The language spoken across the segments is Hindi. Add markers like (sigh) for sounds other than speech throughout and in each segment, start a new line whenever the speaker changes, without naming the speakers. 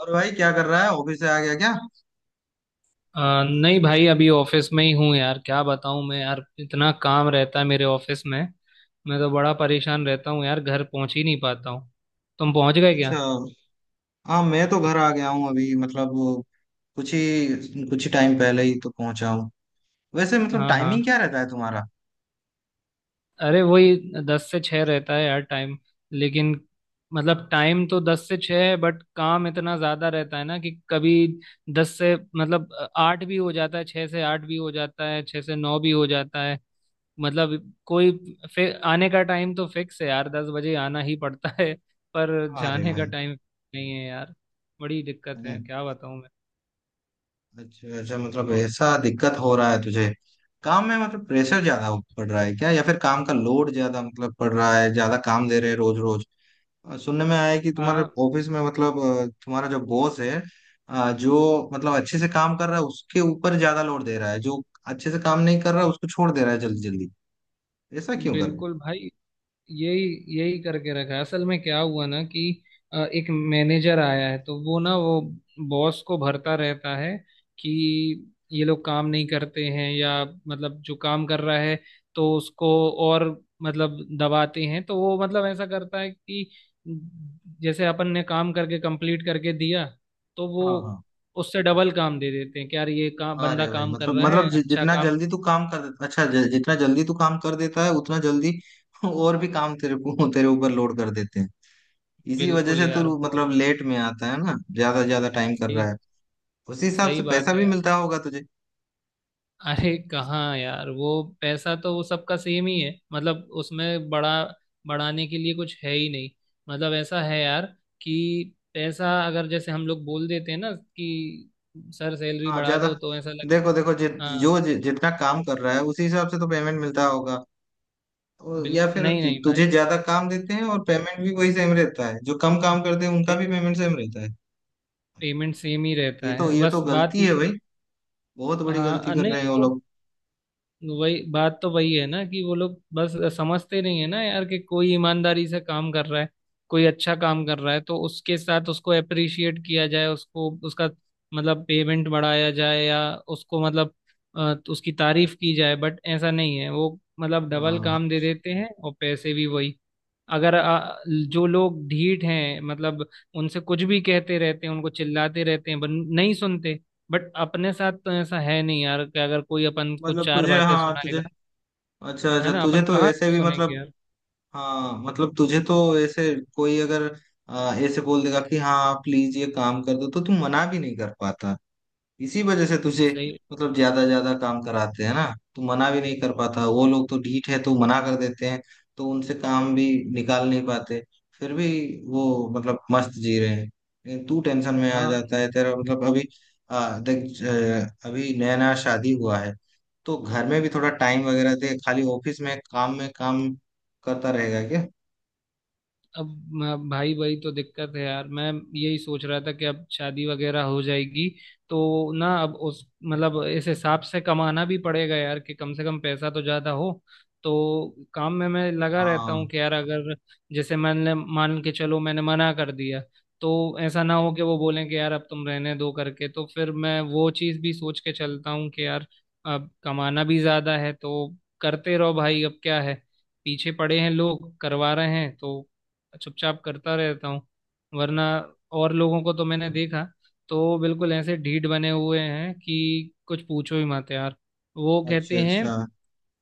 और भाई क्या कर रहा है? ऑफिस से आ गया क्या?
अ, नहीं भाई अभी ऑफिस में ही हूँ यार। क्या बताऊँ मैं यार, इतना काम रहता है मेरे ऑफिस में। मैं तो बड़ा परेशान रहता हूँ यार, घर पहुँच ही नहीं पाता हूँ। तुम पहुँच गए क्या?
अच्छा। हाँ, मैं तो घर आ गया हूँ अभी। मतलब कुछ ही टाइम पहले ही तो पहुंचा हूँ। वैसे मतलब
हाँ,
टाइमिंग
हाँ।
क्या रहता है तुम्हारा?
अरे वही, 10 से 6 रहता है यार टाइम। लेकिन मतलब टाइम तो 10 से 6 है, बट काम इतना ज्यादा रहता है ना कि कभी दस से मतलब आठ भी हो जाता है, 6 से 8 भी हो जाता है, 6 से 9 भी हो जाता है। मतलब कोई, फिर आने का टाइम तो फिक्स है यार, 10 बजे आना ही पड़ता है। पर
अरे
जाने का
भाई।
टाइम नहीं है यार। बड़ी दिक्कत है,
हम्म,
क्या बताऊं मैं।
अच्छा अच्छा, मतलब
और-
ऐसा दिक्कत हो रहा है तुझे? काम में मतलब प्रेशर ज्यादा पड़ रहा है क्या? या फिर काम का लोड ज्यादा मतलब पड़ रहा है? ज्यादा काम दे रहे हैं रोज रोज? सुनने में आया है कि तुम्हारे
आ,
ऑफिस में मतलब तुम्हारा जो बॉस है, जो मतलब अच्छे से काम कर रहा है उसके ऊपर ज्यादा लोड दे रहा है। जो अच्छे से काम नहीं कर रहा उसको छोड़ दे रहा है जल्दी जल्दी। ऐसा क्यों कर रहे हैं?
बिल्कुल भाई, यही यही करके रखा है। असल में क्या हुआ ना कि एक मैनेजर आया है, तो वो बॉस को भरता रहता है कि ये लोग काम नहीं करते हैं, या मतलब जो काम कर रहा है तो उसको और मतलब दबाते हैं। तो वो मतलब ऐसा करता है कि जैसे अपन ने काम करके कंप्लीट करके दिया, तो वो
हाँ हाँ।
उससे डबल काम दे देते हैं कि यार ये काम बंदा
अरे भाई,
काम कर
मतलब
रहा
मतलब
है, अच्छा
जितना
काम।
जल्दी तू काम कर देता, अच्छा, जितना जल्दी तू काम कर देता है उतना जल्दी (laughs) और भी काम तेरे को तेरे ऊपर लोड कर देते हैं। इसी वजह
बिल्कुल
से
यार,
तू
बहुत
मतलब लेट में आता है ना? ज्यादा ज्यादा टाइम कर
सही।
रहा है। उसी हिसाब
सही
से पैसा
बात
भी
है।
मिलता होगा तुझे?
अरे कहाँ यार, वो पैसा तो वो सबका सेम ही है, मतलब उसमें बड़ा बढ़ाने के लिए कुछ है ही नहीं। मतलब ऐसा है यार, कि पैसा अगर जैसे हम लोग बोल देते हैं ना कि सर सैलरी
हाँ
बढ़ा
ज्यादा।
दो, तो ऐसा लग।
देखो देखो, जो
हाँ।
जितना काम कर रहा है उसी हिसाब से तो पेमेंट मिलता होगा। और या
बिल्कुल,
फिर
नहीं, नहीं
तुझे
भाई,
ज्यादा काम देते हैं और पेमेंट भी वही सेम रहता है? जो कम काम करते हैं उनका
पे,
भी पेमेंट सेम रहता है?
पेमेंट सेम ही
ये
रहता
तो
है,
ये तो
बस बात
गलती
ये
है
है।
भाई। बहुत बड़ी गलती
हाँ
कर
नहीं
रहे हैं वो
वो,
लोग।
वही बात तो वही है ना कि वो लोग बस समझते नहीं है ना यार, कि कोई ईमानदारी से काम कर रहा है, कोई अच्छा काम कर रहा है, तो उसके साथ उसको अप्रिशिएट किया जाए, उसको उसका मतलब पेमेंट बढ़ाया जाए, या उसको मतलब उसकी तारीफ की जाए। बट ऐसा नहीं है, वो मतलब डबल
हाँ
काम दे देते हैं और पैसे भी वही। अगर जो लोग ढीठ हैं मतलब, उनसे कुछ भी कहते रहते हैं, उनको चिल्लाते रहते हैं, पर नहीं सुनते। बट अपने साथ तो ऐसा है नहीं यार कि अगर कोई अपन को चार बातें
हाँ तुझे,
सुनाएगा,
अच्छा
है
अच्छा,
ना,
तुझे
अपन
तो
कहाँ
ऐसे
तक
भी
सुनेंगे
मतलब,
यार।
हाँ मतलब तुझे तो ऐसे कोई अगर ऐसे बोल देगा कि हाँ प्लीज ये काम कर दो, तो तू मना भी नहीं कर पाता। इसी वजह से तुझे
सही।
मतलब ज्यादा ज्यादा काम कराते हैं ना। तू मना भी नहीं कर पाता, वो लोग तो ढीठ है तो मना कर देते हैं। तो उनसे काम भी निकाल नहीं पाते। फिर भी वो मतलब मस्त जी रहे हैं लेकिन तू टेंशन में आ
हाँ।
जाता है। तेरा मतलब अभी देख अभी नया नया शादी हुआ है, तो घर में भी थोड़ा टाइम वगैरह दे। खाली ऑफिस में काम करता रहेगा क्या?
अब भाई भाई तो दिक्कत है यार, मैं यही सोच रहा था कि अब शादी वगैरह हो जाएगी, तो ना अब उस मतलब इस हिसाब से कमाना भी पड़ेगा यार कि कम से कम पैसा तो ज्यादा हो। तो काम में मैं लगा रहता हूँ
हाँ
कि यार, अगर जैसे मैंने मान के चलो मैंने मना कर दिया, तो ऐसा ना हो कि वो बोलें कि यार अब तुम रहने दो करके, तो फिर मैं वो चीज़ भी सोच के चलता हूँ कि यार अब कमाना भी ज्यादा है, तो करते रहो भाई। अब क्या है, पीछे पड़े हैं लोग, करवा रहे हैं तो चुपचाप करता रहता हूँ। वरना और लोगों को तो मैंने देखा, तो बिल्कुल ऐसे ढीठ बने हुए हैं कि कुछ पूछो ही मत यार। वो
अच्छा
कहते हैं
अच्छा।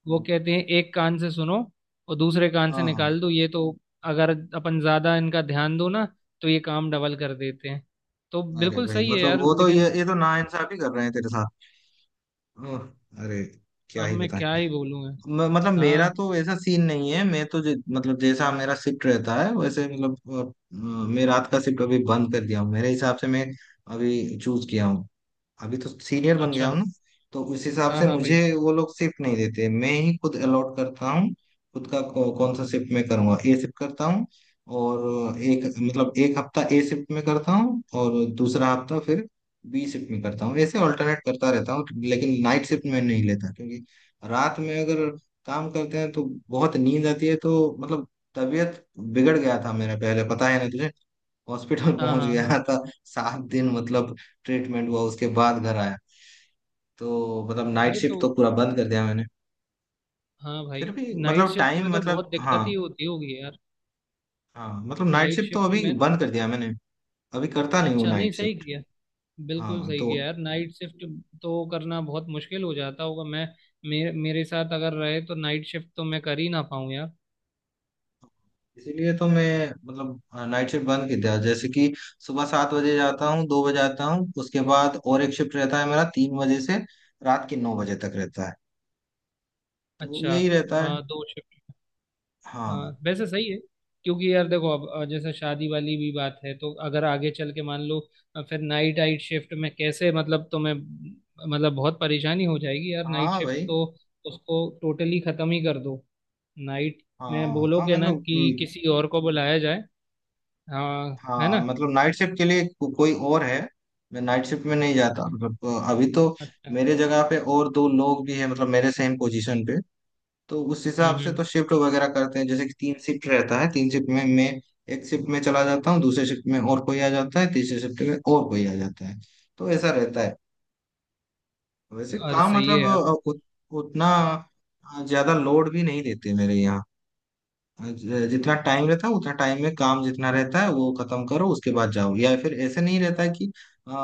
वो कहते हैं एक कान से सुनो और दूसरे कान से
हाँ हाँ।
निकाल दो। ये तो अगर अपन ज्यादा इनका ध्यान दो ना तो ये काम डबल कर देते हैं। तो
अरे
बिल्कुल
भाई
सही है
मतलब
यार,
वो तो
लेकिन
ये तो नाइंसाफी कर रहे हैं तेरे साथ। ओह, अरे, क्या
अब
ही
मैं
बताएं।
क्या ही बोलूँ।
मतलब मेरा
हाँ।
तो ऐसा सीन नहीं है। मैं तो मतलब जैसा मेरा शिफ्ट रहता है वैसे मतलब अ, मैं रात का शिफ्ट अभी बंद कर दिया हूँ। मेरे हिसाब से मैं अभी चूज किया हूँ। अभी तो सीनियर बन गया
अच्छा।
हूँ ना, तो उस हिसाब
हाँ,
से
हाँ भाई।
मुझे वो लोग शिफ्ट नहीं देते, मैं ही खुद अलॉट करता हूँ। खुद का कौन सा शिफ्ट मैं करूँगा। ए शिफ्ट करता हूँ, और एक मतलब एक हफ्ता ए शिफ्ट में करता हूँ और दूसरा हफ्ता फिर बी शिफ्ट में करता हूँ। ऐसे ऑल्टरनेट करता रहता हूँ। लेकिन नाइट शिफ्ट में नहीं लेता, क्योंकि रात में अगर काम करते हैं तो बहुत नींद आती है। तो मतलब तबीयत बिगड़ गया था मेरा पहले, पता है ना तुझे। हॉस्पिटल (laughs)
हाँ,
पहुंच
हाँ, हाँ।
गया था। 7 दिन मतलब ट्रीटमेंट हुआ, उसके बाद घर आया। तो मतलब नाइट
अरे तो।
शिफ्ट तो पूरा बंद कर दिया मैंने।
हाँ भाई,
फिर भी
नाइट
मतलब
शिफ्ट में
टाइम
तो
मतलब
बहुत
हाँ।
दिक्कत ही होती होगी यार।
हाँ मतलब नाइट
नाइट
शिफ्ट तो
शिफ्ट
अभी
में
बंद
तो,
कर दिया मैंने। अभी करता नहीं हूँ
अच्छा, नहीं,
नाइट
सही
शिफ्ट।
किया, बिल्कुल
हाँ
सही
तो
किया यार। नाइट शिफ्ट तो करना बहुत मुश्किल हो जाता होगा। मैं मेरे मेरे साथ अगर रहे तो नाइट शिफ्ट तो मैं कर ही ना पाऊँ यार।
इसीलिए तो मैं मतलब नाइट शिफ्ट बंद कर दिया। जैसे कि सुबह 7 बजे जाता हूँ, 2 बजे आता हूँ। उसके बाद और एक शिफ्ट रहता है मेरा 3 बजे से रात के 9 बजे तक रहता है। तो
अच्छा,
यही रहता है।
दो शिफ्ट।
हाँ
वैसे सही है, क्योंकि यार देखो अब जैसे शादी वाली भी बात है, तो अगर आगे चल के मान लो फिर नाइट आइट शिफ्ट में कैसे मतलब तुम्हें, मतलब बहुत परेशानी हो जाएगी यार, नाइट
हाँ
शिफ्ट
भाई।
तो उसको टोटली खत्म ही कर दो। नाइट में
हाँ
बोलो कि ना कि किसी और को बुलाया जाए। हाँ। है
हाँ
ना।
मतलब नाइट शिफ्ट के लिए कोई और है। मैं नाइट शिफ्ट में नहीं
अच्छा,
जाता मतलब, अभी तो
अच्छा।
मेरे जगह पे और दो लोग भी हैं मतलब मेरे सेम पोजीशन पे। तो उस हिसाब
हम्म,
से
हम्म।
तो शिफ्ट वगैरह करते हैं। जैसे कि तीन शिफ्ट रहता है, तीन शिफ्ट में मैं एक शिफ्ट में चला जाता हूँ, दूसरे शिफ्ट में और कोई आ जाता है, तीसरे शिफ्ट में और कोई आ जाता है। तो ऐसा रहता है। वैसे
और
काम
सही है
मतलब
यार।
उतना ज्यादा लोड भी नहीं देते मेरे यहाँ। जितना टाइम रहता है उतना टाइम में काम जितना रहता है वो खत्म करो उसके बाद जाओ। या फिर ऐसे नहीं रहता है कि आ,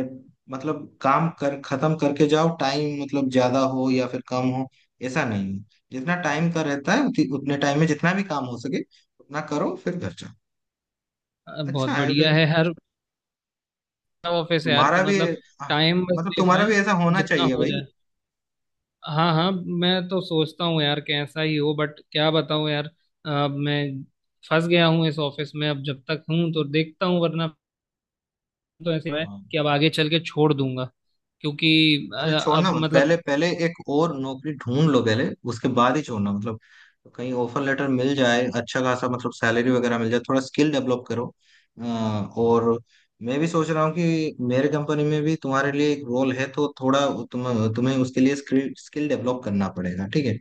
ए- मतलब काम कर खत्म करके जाओ, टाइम मतलब ज्यादा हो या फिर कम हो। ऐसा नहीं है। जितना टाइम का रहता है उतने टाइम में जितना भी काम हो सके उतना करो, फिर घर जाओ।
बहुत
अच्छा है
बढ़िया
फिर
है, हर ऑफिस है यार कि
तुम्हारा भी।
मतलब
हाँ,
टाइम बस
मतलब
देख
तुम्हारा
रहे
भी
हैं
ऐसा होना
जितना
चाहिए
हो
भाई।
जाए। हाँ, हाँ। मैं तो सोचता हूँ यार कैसा ही हो, बट क्या बताऊँ यार, अब मैं फंस गया हूँ इस ऑफिस में। अब जब तक हूँ तो देखता हूँ, वरना तो ऐसे है
हाँ।
कि अब आगे चल के छोड़ दूंगा। क्योंकि
अरे छोड़ना
अब
मत पहले,
मतलब,
एक और नौकरी ढूंढ लो पहले, उसके बाद ही छोड़ना मतलब। कहीं ऑफर लेटर मिल जाए अच्छा खासा, मतलब सैलरी वगैरह मिल जाए, थोड़ा स्किल डेवलप करो। और मैं भी सोच रहा हूँ कि मेरे कंपनी में भी तुम्हारे लिए एक रोल है, तो थोड़ा तुम्हें उसके लिए स्किल स्किल डेवलप करना पड़ेगा, ठीक है।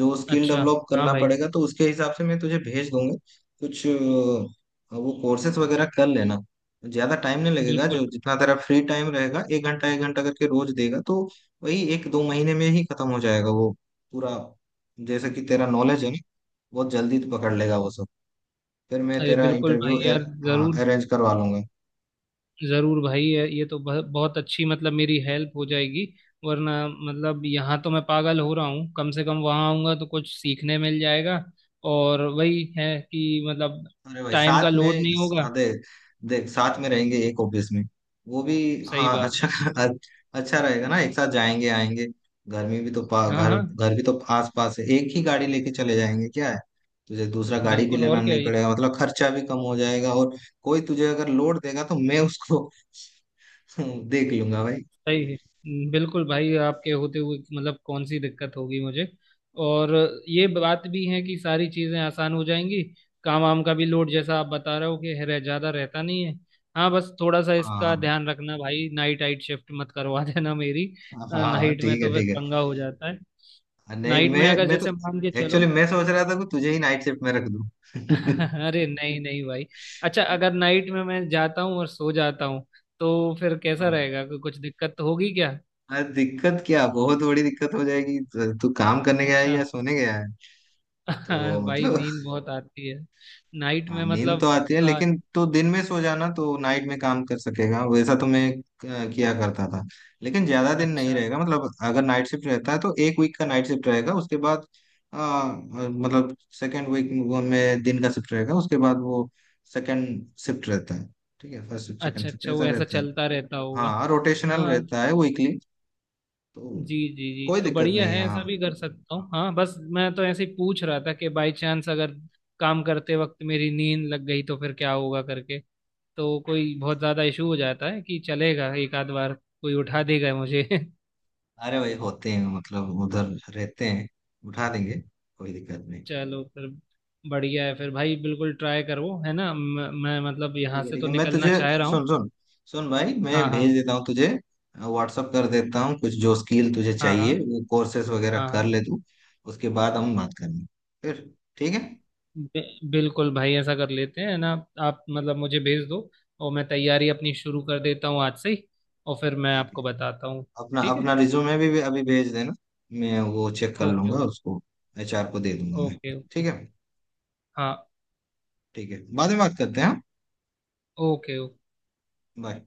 जो स्किल
अच्छा।
डेवलप
हाँ
करना
भाई,
पड़ेगा तो उसके हिसाब से मैं तुझे भेज दूंगा कुछ। वो कोर्सेज वगैरह कर लेना। ज्यादा टाइम नहीं लगेगा,
बिल्कुल।
जो जितना तेरा फ्री टाइम रहेगा एक घंटा करके रोज देगा तो वही एक दो महीने में ही खत्म हो जाएगा वो पूरा। जैसे कि तेरा नॉलेज है ना, बहुत जल्दी तू पकड़ लेगा वो सब। फिर मैं
अरे
तेरा
बिल्कुल
इंटरव्यू
भाई यार,
हाँ
जरूर,
अरेंज करवा लूंगा।
जरूर भाई। ये तो बहुत अच्छी मतलब मेरी हेल्प हो जाएगी। वरना मतलब यहाँ तो मैं पागल हो रहा हूँ, कम से कम वहाँ आऊँगा तो कुछ सीखने मिल जाएगा। और वही है कि मतलब
अरे भाई
टाइम का
साथ
लोड
में
नहीं होगा।
हाँ, देख देख साथ में रहेंगे एक ऑफिस में। वो भी
सही
हाँ
बात
अच्छा
है।
(laughs) अच्छा रहेगा ना, एक साथ जाएंगे आएंगे। घर में भी तो पा,
हाँ,
घर
हाँ।
घर भी तो आस पास है, एक ही गाड़ी लेके चले जाएंगे, क्या है। तुझे दूसरा गाड़ी भी
बिल्कुल,
लेना
और क्या।
नहीं पड़ेगा, मतलब खर्चा भी कम हो जाएगा। और कोई तुझे अगर लोड देगा तो मैं उसको (laughs) देख लूंगा भाई।
सही है। बिल्कुल भाई, आपके होते हुए मतलब कौन सी दिक्कत होगी मुझे। और ये बात भी है कि सारी चीज़ें आसान हो जाएंगी, काम वाम का भी लोड, जैसा आप बता रहे हो कि है- रह ज़्यादा रहता नहीं है। हाँ बस थोड़ा सा इसका
हाँ
ध्यान रखना भाई, नाइट आइट शिफ्ट मत करवा (laughs) देना मेरी।
हाँ। हाँ,
नाइट में
ठीक है
तो फिर
ठीक है।
पंगा हो जाता है।
नहीं
नाइट
मैं
में अगर
मैं तो
जैसे मान के
एक्चुअली
चलो।
मैं सोच रहा था कि तुझे ही नाइट शिफ्ट में रख दूं। (laughs)
(laughs) अरे, नहीं, नहीं भाई। अच्छा, अगर नाइट में मैं जाता हूँ और सो जाता हूँ, तो फिर कैसा
हाँ।
रहेगा, कुछ दिक्कत तो होगी क्या?
अरे दिक्कत क्या, बहुत बड़ी दिक्कत हो जाएगी, तू काम करने गया है
अच्छा।
या सोने गया है?
(laughs) हाँ
तो
भाई,
मतलब
नींद बहुत आती है नाइट
हाँ,
में
नींद तो
मतलब।
आती है,
अ,
लेकिन तू दिन में सो जाना तो नाइट में काम कर सकेगा। वैसा तो मैं किया करता था। लेकिन ज्यादा दिन नहीं
अच्छा,
रहेगा मतलब। अगर नाइट शिफ्ट रहता है तो एक वीक का नाइट शिफ्ट रहेगा, उसके बाद मतलब सेकेंड वीक में दिन का शिफ्ट रहेगा, उसके बाद वो सेकेंड शिफ्ट रहता है। ठीक है, फर्स्ट शिफ्ट
अच्छा।
सेकेंड शिफ्ट
अच्छा,
ऐसा
वो ऐसा
रहता है।
चलता रहता होगा।
हाँ रोटेशनल
हाँ।
रहता है वीकली। तो
जी, जी, जी,
कोई
तो
दिक्कत
बढ़िया
नहीं
है,
है।
ऐसा
हाँ
भी कर सकता हूँ। हाँ बस मैं तो ऐसे ही पूछ रहा था कि बाय चांस अगर काम करते वक्त मेरी नींद लग गई तो फिर क्या होगा करके, तो कोई बहुत ज़्यादा इशू हो जाता है कि चलेगा, एक आध बार कोई उठा देगा मुझे। (laughs)
अरे भाई होते हैं मतलब उधर रहते हैं, उठा देंगे, कोई दिक्कत नहीं।
चलो फिर, बढ़िया है फिर भाई, बिल्कुल ट्राई करो है ना। मैं मतलब यहाँ
ठीक है
से
ठीक
तो
है, मैं
निकलना
तुझे
चाह रहा हूँ।
सुन सुन सुन भाई, मैं
हाँ,
भेज
हाँ,
देता हूँ तुझे। व्हाट्सअप कर देता हूँ कुछ, जो स्किल तुझे
हाँ,
चाहिए
हाँ,
वो कोर्सेस वगैरह कर
हाँ।
ले तू। उसके बाद हम बात करेंगे फिर, ठीक है।
बिल्कुल भाई, ऐसा कर लेते हैं ना। आप मतलब मुझे भेज दो, और मैं तैयारी अपनी शुरू कर देता हूँ आज से ही, और फिर मैं
ठीक है।
आपको बताता हूँ।
अपना
ठीक है।
अपना रिज्यूमे भी अभी भेज देना। मैं वो चेक कर
ओके,
लूंगा
ओके।
उसको। एचआर को दे दूंगा मैं।
Okay, okay.
ठीक है।
हाँ।
ठीक है, बाद में बात करते हैं। हाँ
ओके, ओके।
बाय।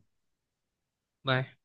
बाय।